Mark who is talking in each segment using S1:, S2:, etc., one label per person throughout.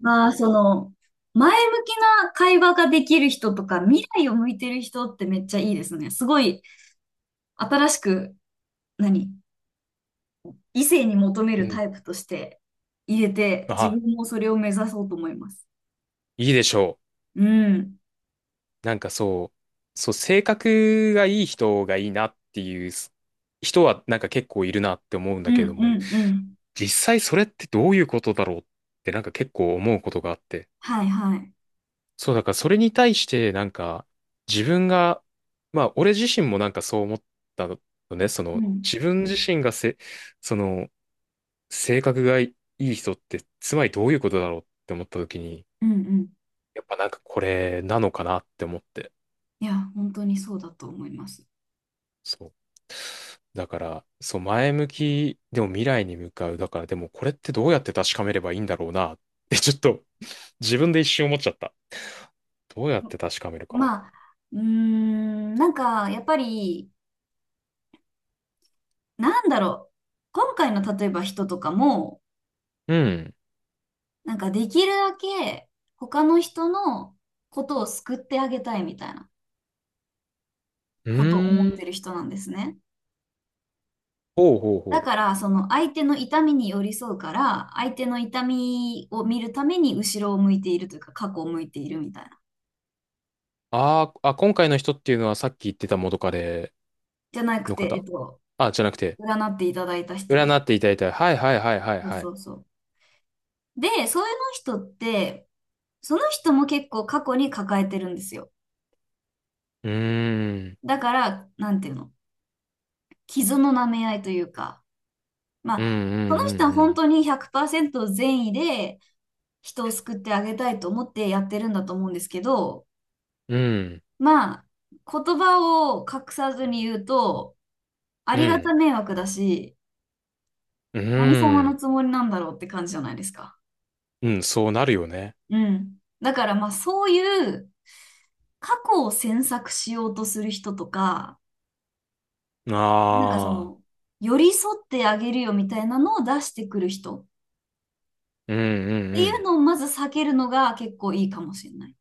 S1: まあ、その、前向きな会話ができる人とか、未来を向いてる人ってめっちゃいいですね。すごい、新しく、何異性に求め
S2: う
S1: る
S2: ん。
S1: タイプとして入れて、自分
S2: あ、
S1: もそれを目指そうと思います。
S2: いいでしょ
S1: うん。
S2: う。なんかそう、性格がいい人がいいなっていう人はなんか結構いるなって思うん
S1: う
S2: だ
S1: ん、
S2: けど
S1: う
S2: も、
S1: ん、うん。
S2: 実際それってどういうことだろうってなんか結構思うことがあって。
S1: はいはい。
S2: そう、だからそれに対してなんか自分が、まあ俺自身もなんかそう思ったのね、そ
S1: う
S2: の
S1: ん、
S2: 自分自身がせ、その性格がいい人ってつまりどういうことだろうって思った時に、
S1: うん、うん。
S2: やっぱなんかこれなのかなって思って。
S1: いや、本当にそうだと思います。
S2: そう。だから、そう、前向き、でも未来に向かう。だから、でもこれってどうやって確かめればいいんだろうなって、ちょっと自分で一瞬思っちゃった。どうやって確かめるか。
S1: まあ、なんか、やっぱり、なんだろう。今回の例えば人とかも、
S2: うん。
S1: なんかできるだけ他の人のことを救ってあげたいみたいな
S2: う
S1: ことを
S2: ー
S1: 思ってる
S2: ん。
S1: 人なんですね。
S2: ほうほう
S1: だ
S2: ほう。
S1: からその相手の痛みに寄り添うから相手の痛みを見るために後ろを向いているというか過去を向いているみたいな。
S2: あーあ、今回の人っていうのはさっき言ってた元カレ
S1: じゃなく
S2: の
S1: て、
S2: 方あ、じゃなくて、
S1: 占っていただいた人です。
S2: 占っていただいた。はいはいはいはい
S1: そう
S2: はい。
S1: そうそう。で、そういうの人ってその人も結構過去に抱えてるんですよ。
S2: うーん。
S1: だから、なんていうの、傷の舐め合いというか、
S2: う
S1: ま
S2: んう
S1: あ、その人
S2: ん
S1: は
S2: う
S1: 本
S2: ん
S1: 当に100%善意で人を救ってあげたいと思ってやってるんだと思うんですけど、
S2: うん。うん。
S1: まあ、言葉を隠さずに言うと、あ
S2: う
S1: りが
S2: ん。
S1: た迷惑だし、
S2: う
S1: 何様の
S2: ん。
S1: つもりなんだろうって感じじゃないですか。
S2: うん、そうなるよね。
S1: うん。だからまあ、そういう過去を詮索しようとする人とか、なんかそ
S2: ああ。
S1: の、寄り添ってあげるよみたいなのを出してくる人っ
S2: うんうん
S1: て
S2: う
S1: いう
S2: ん。
S1: のをまず避けるのが結構いいかもしれない。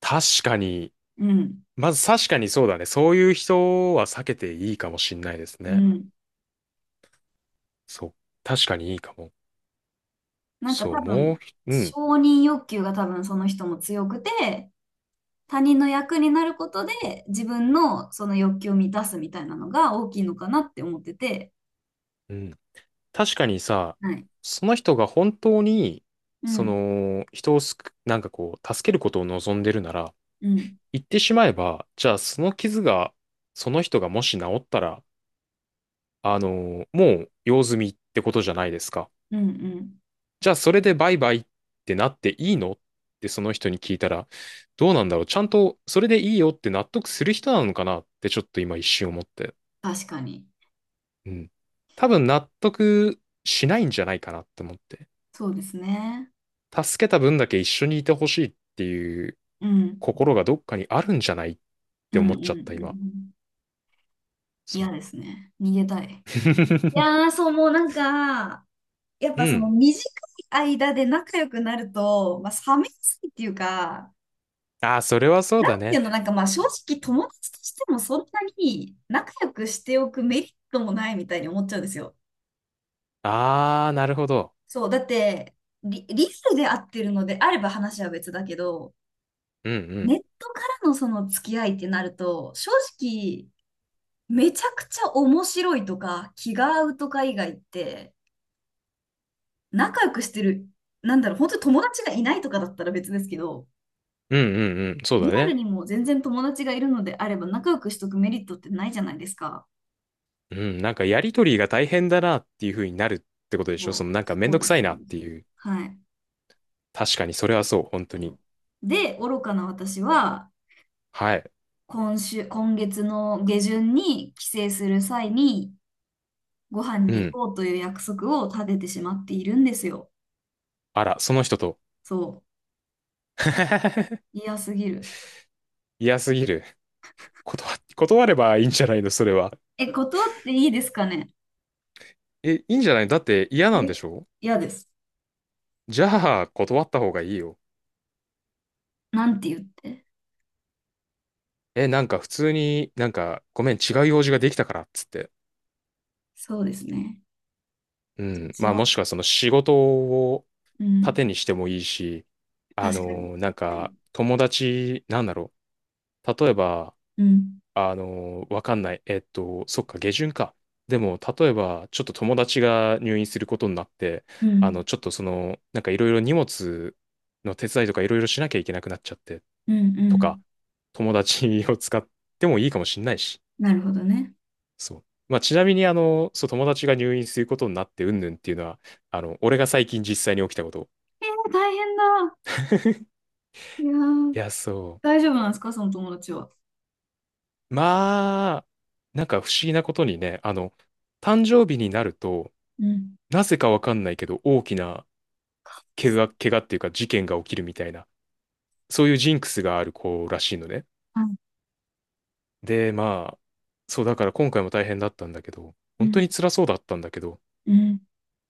S2: 確かに。
S1: うん。
S2: まず確かにそうだね。そういう人は避けていいかもしんないです
S1: う
S2: ね。
S1: ん。
S2: そう。確かにいいかも。
S1: なんか多分、
S2: う
S1: 承
S2: ん、
S1: 認欲求が多分その人も強くて、他人の役になることで自分のその欲求を満たすみたいなのが大きいのかなって思ってて。
S2: うん。確かにさ、
S1: はい。
S2: その人が本当に、
S1: う
S2: そ
S1: ん。
S2: の、人をすく、なんかこう、助けることを望んでるなら、
S1: うん。
S2: 言ってしまえば、じゃあその傷が、その人がもし治ったら、あの、もう用済みってことじゃないですか。
S1: うん。うん。
S2: じゃあそれでバイバイってなっていいのってその人に聞いたら、どうなんだろうちゃんとそれでいいよって納得する人なのかなってちょっと今一瞬思って。
S1: 確かに。
S2: うん。多分納得しないんじゃないかなって思って。
S1: そうですね。
S2: 助けた分だけ一緒にいてほしいっていう
S1: うん。
S2: 心がどっかにあるんじゃないっ
S1: う
S2: て
S1: ん。う
S2: 思っ
S1: ん。
S2: ち
S1: う
S2: ゃった今。
S1: ん。
S2: そう。
S1: 嫌ですね。逃げたい。い やー、そう、もうなんか、やっ
S2: う
S1: ぱその
S2: ん。
S1: 短い間で仲良くなると、まあ、冷めやすいっていうか、
S2: ああ、それはそう
S1: な
S2: だ
S1: んていう
S2: ね。
S1: の、なんかまあ正直友達としてもそんなに仲良くしておくメリットもないみたいに思っちゃうんですよ。
S2: ああ、なるほど。
S1: そう、だってリアルで会ってるのであれば話は別だけど、
S2: うんう
S1: ネ
S2: ん。
S1: ットからのその付き合いってなると、正直めちゃくちゃ面白いとか気が合うとか以外って、仲良くしてる、なんだろう、本当に友達がいないとかだったら別ですけど、
S2: うんうんうん。そう
S1: リ
S2: だ
S1: アル
S2: ね。
S1: にも全然友達がいるのであれば仲良くしとくメリットってないじゃないですか。
S2: うん、なんかやりとりが大変だなっていう風になるってことでしょそ
S1: そう、
S2: のなんかめん
S1: そう
S2: どく
S1: で
S2: さ
S1: す、
S2: い
S1: そう
S2: なっ
S1: で
S2: て
S1: す。
S2: いう。
S1: はい。
S2: 確かにそれはそう、本当に。
S1: で、愚かな私は、
S2: はい。
S1: 今週、今月の下旬に帰省する際に、ご飯
S2: う
S1: に行
S2: ん。
S1: こうという約束を立ててしまっているんですよ。
S2: あら、その人と。
S1: そう。嫌すぎる。
S2: 嫌すぎる。断、断ればいいんじゃないのそれは。
S1: え、断っていいですかね。
S2: え、いいんじゃないのだって嫌なんで
S1: え、
S2: しょ
S1: 嫌です。
S2: じゃあ、断った方がいいよ。
S1: なんて言って。
S2: え、なんか普通になんか、ごめん、違う用事ができたからっつって。
S1: そうですね。
S2: うん。
S1: し
S2: まあも
S1: よ
S2: しくはその仕事を
S1: う。うん。
S2: 盾にしてもいいし、
S1: 確かに。
S2: なん
S1: はい。
S2: か友達、なんだろう。例えば、
S1: うん。
S2: わかんない。そっか、下旬か。でも、例えば、ちょっと友達が入院することになって、
S1: う
S2: あ
S1: ん。
S2: の、ちょっとその、なんかいろいろ荷物の手伝いとかいろいろしなきゃいけなくなっちゃって、
S1: うん。う
S2: とか、
S1: ん。
S2: 友達を使ってもいいかもしんないし。
S1: なるほどね。
S2: そう。まあ、ちなみに、あの、そう、友達が入院することになって、うんぬんっていうのは、あの、俺が最近実際に起きたこと。
S1: えー、大変だ。いやー、
S2: いや、そ
S1: 大丈夫なんですかその友達は。
S2: う。まあ、なんか不思議なことにね、あの、誕生日になると、
S1: うん。
S2: なぜかわかんないけど、大きな怪我っていうか事件が起きるみたいな、そういうジンクスがある子らしいのね。
S1: あ
S2: で、まあ、そうだから今回も大変だったんだけど、
S1: う
S2: 本当
S1: ん。
S2: に辛そうだったんだけど、
S1: うん。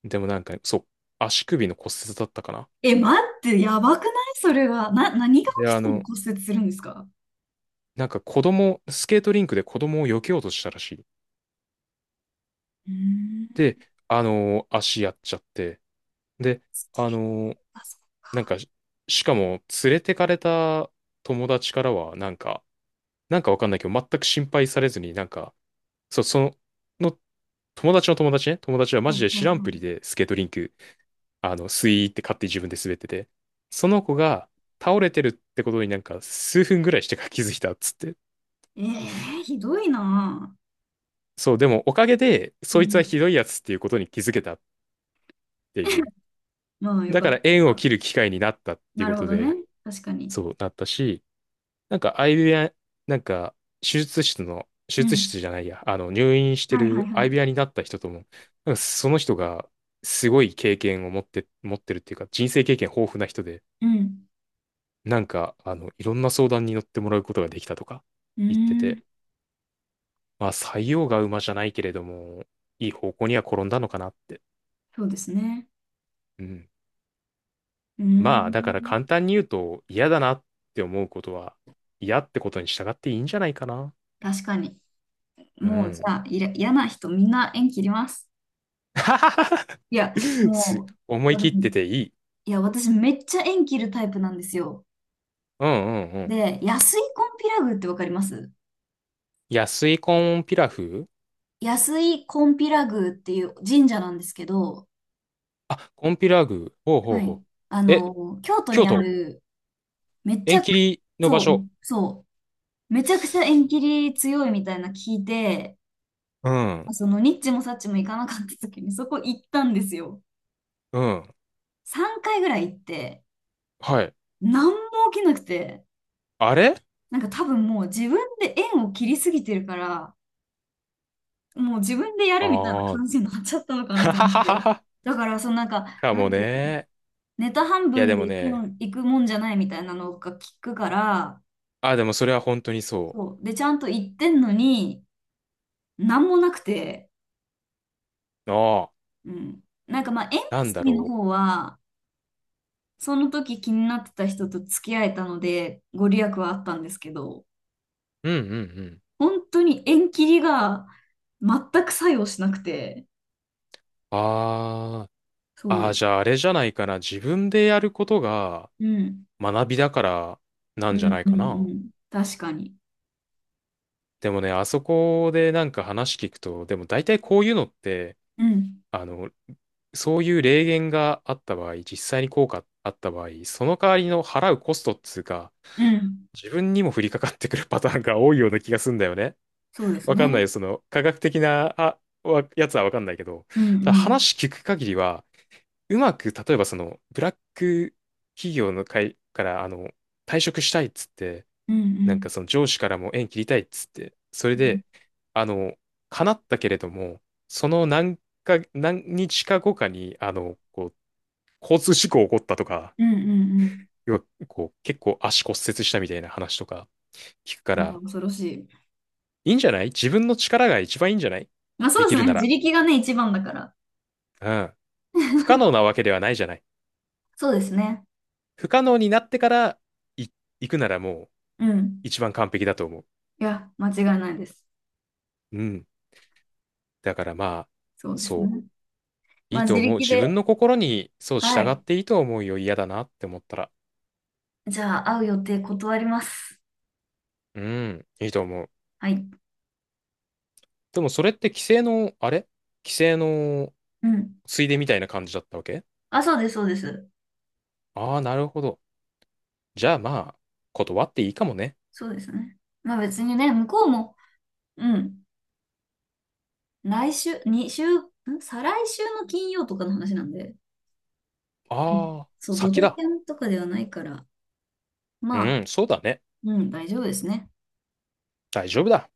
S2: でもなんか、そう、足首の骨折だったかな。
S1: え、待って、やばくないそれは。何が
S2: で、
S1: 起
S2: あ
S1: きたら
S2: の、
S1: 骨折するんですか。
S2: なんか子供、スケートリンクで子供を避けようとしたらしい。
S1: うーん。
S2: で、あの、足やっちゃって、で、
S1: ス
S2: あ
S1: キー。
S2: の、
S1: あ、そ
S2: なんか、しかも連れてかれた友達からは、なんか、なんかわかんないけど、全く心配されずに、なんか、その友達の友達ね、友達はマ
S1: う。はい
S2: ジで
S1: は
S2: 知ら
S1: い
S2: ん
S1: は
S2: ぷり
S1: い。
S2: でスケートリンク、あの、スイーって勝手に自分で滑ってて、その子が倒れてるってことになんか数分ぐらいしてから気づいたっつって。
S1: えー、ひどいな。
S2: そう、でもおかげで、
S1: ぁう
S2: そいつは
S1: ん。
S2: ひどいやつっていうことに気づけたって いう。
S1: まあ、よ
S2: だ
S1: か
S2: か
S1: っ
S2: ら縁を
S1: た。
S2: 切る機会になったってい
S1: な
S2: うこ
S1: るほ
S2: と
S1: ど
S2: で、
S1: ね。確かに。
S2: そうなったし、なんか相部屋、なんか手
S1: う
S2: 術室
S1: ん。
S2: じゃないや、あの入院して
S1: はいはい
S2: る
S1: は
S2: 相部
S1: い。
S2: 屋になった人とも、なんかその人がすごい経験を持って、持ってるっていうか人生経験豊富な人で、
S1: うん。
S2: なんかあのいろんな相談に乗ってもらうことができたとか
S1: う
S2: 言って
S1: ー
S2: て、
S1: ん。
S2: まあ採用が馬じゃないけれども、いい方向には転んだのかなって。
S1: そうですね。
S2: うん。
S1: うー
S2: まあだから
S1: ん。
S2: 簡単に言うと嫌だなって思うことは嫌ってことに従っていいんじゃないかな。
S1: 確かに。
S2: う
S1: もう、じ
S2: ん。
S1: ゃあ、嫌な人、みんな縁切ります。いや、も
S2: 思
S1: う、
S2: い切
S1: 私、
S2: ってていい。
S1: いや、私めっちゃ縁切るタイプなんですよ。
S2: うんうんうん。
S1: で、安井コンピラ宮ってわかります？
S2: 安いコンピラフ
S1: 安井コンピラ宮っていう神社なんですけど、
S2: あ、コンピラグ。ほうほう
S1: は
S2: ほ
S1: い。あ
S2: う。え、
S1: の、京都に
S2: 京
S1: あ
S2: 都
S1: る、めち
S2: 縁
S1: ゃく、
S2: 切りの場
S1: そう、
S2: 所。
S1: そう、めちゃくちゃ縁切り強いみたいな聞いて、
S2: うん、
S1: そのニッチもサッチも行かなかった時にそこ行ったんですよ。
S2: うん。
S1: 3回ぐらい行って、
S2: はい。
S1: 何も起きなくて、
S2: あれ
S1: なんか多分もう自分で縁を切りすぎてるから、もう自分でやるみたいな
S2: ああー。
S1: 感じになっちゃったのかな
S2: は
S1: と
S2: は
S1: 思っ
S2: はは
S1: て。
S2: は。
S1: だから、そのなんか、
S2: か
S1: な
S2: も
S1: んて
S2: ね。
S1: ネタ半
S2: いや
S1: 分
S2: で
S1: で
S2: も
S1: 行くの、
S2: ね。
S1: 行くもんじゃないみたいなのが聞くから、
S2: あ、でもそれは本当にそ
S1: そう。で、ちゃんと行ってんのに、なんもなくて、
S2: う。あ
S1: うん。なんかまあ、縁
S2: あ、なん
S1: 結
S2: だ
S1: びの
S2: ろ
S1: 方は、その時気になってた人と付き合えたので、ご利益はあったんですけど、
S2: う。うんうんうん。
S1: 本当に縁切りが全く作用しなくて、
S2: ああ。あ
S1: そ
S2: あ、
S1: う。
S2: じゃああれじゃないかな。自分でやることが
S1: うん。
S2: 学びだからな
S1: う
S2: んじゃな
S1: ん、
S2: い
S1: う
S2: か
S1: ん、
S2: な。
S1: うん。確かに。
S2: でもね、あそこでなんか話聞くと、でも大体こういうのって、
S1: うん。
S2: あの、そういう霊言があった場合、実際に効果あった場合、その代わりの払うコストっつうか、
S1: うん。
S2: 自分にも降りかかってくるパターンが多いような気がすんだよね。
S1: そうです
S2: わかんない
S1: ね。
S2: よ、その科学的な、あ、わやつはわかんないけど、
S1: うん、
S2: ただ
S1: うん。
S2: 話聞く限りは、うまく、例えばその、ブラック企業の会から、あの、退職したいっつって、
S1: うん、う
S2: なんか
S1: ん。
S2: その上司からも縁切りたいっつって、それ
S1: うん、
S2: で、あの、叶ったけれども、その何何日か後かに、あの、こう、交通事故起こったとか、
S1: うん、うん。うん。
S2: 要はこう、結構足骨折したみたいな話とか聞くか
S1: いや、
S2: ら、
S1: 恐ろしい。
S2: いいんじゃない自分の力が一番いいんじゃない
S1: まあそう
S2: で
S1: で
S2: き
S1: す
S2: る
S1: ね。
S2: な
S1: 自
S2: ら。
S1: 力がね、一番だから。
S2: うん。不可能なわけではないじゃない。
S1: そうですね。
S2: 不可能になってからい行くならもう
S1: うん。
S2: 一番完璧だと思う。
S1: いや、間違いないです。
S2: うん。だからまあ、
S1: そうです
S2: そう。
S1: ね。
S2: い
S1: まあ
S2: い
S1: 自
S2: と思う。
S1: 力
S2: 自
S1: で。
S2: 分の心に、そう、
S1: は
S2: 従っ
S1: い。
S2: ていいと思うよ。嫌だなって思ったら。
S1: じゃあ、会う予定断ります。
S2: うん、いいと思う。
S1: はい。
S2: でもそれって規制の
S1: うん。
S2: ついでみたいな感じだったわけ
S1: あ、そうです、そうです。
S2: ああー、なるほど。じゃあまあ、断っていいかもね。
S1: そうですね。まあ別にね、向こうも、うん。来週、2週、再来週の金曜とかの話なんで、うん。
S2: ああ、
S1: そう、ド
S2: 先
S1: タ
S2: だ。
S1: キャンとかではないから、まあ、
S2: うん、そうだね。
S1: うん、大丈夫ですね。
S2: 大丈夫だ。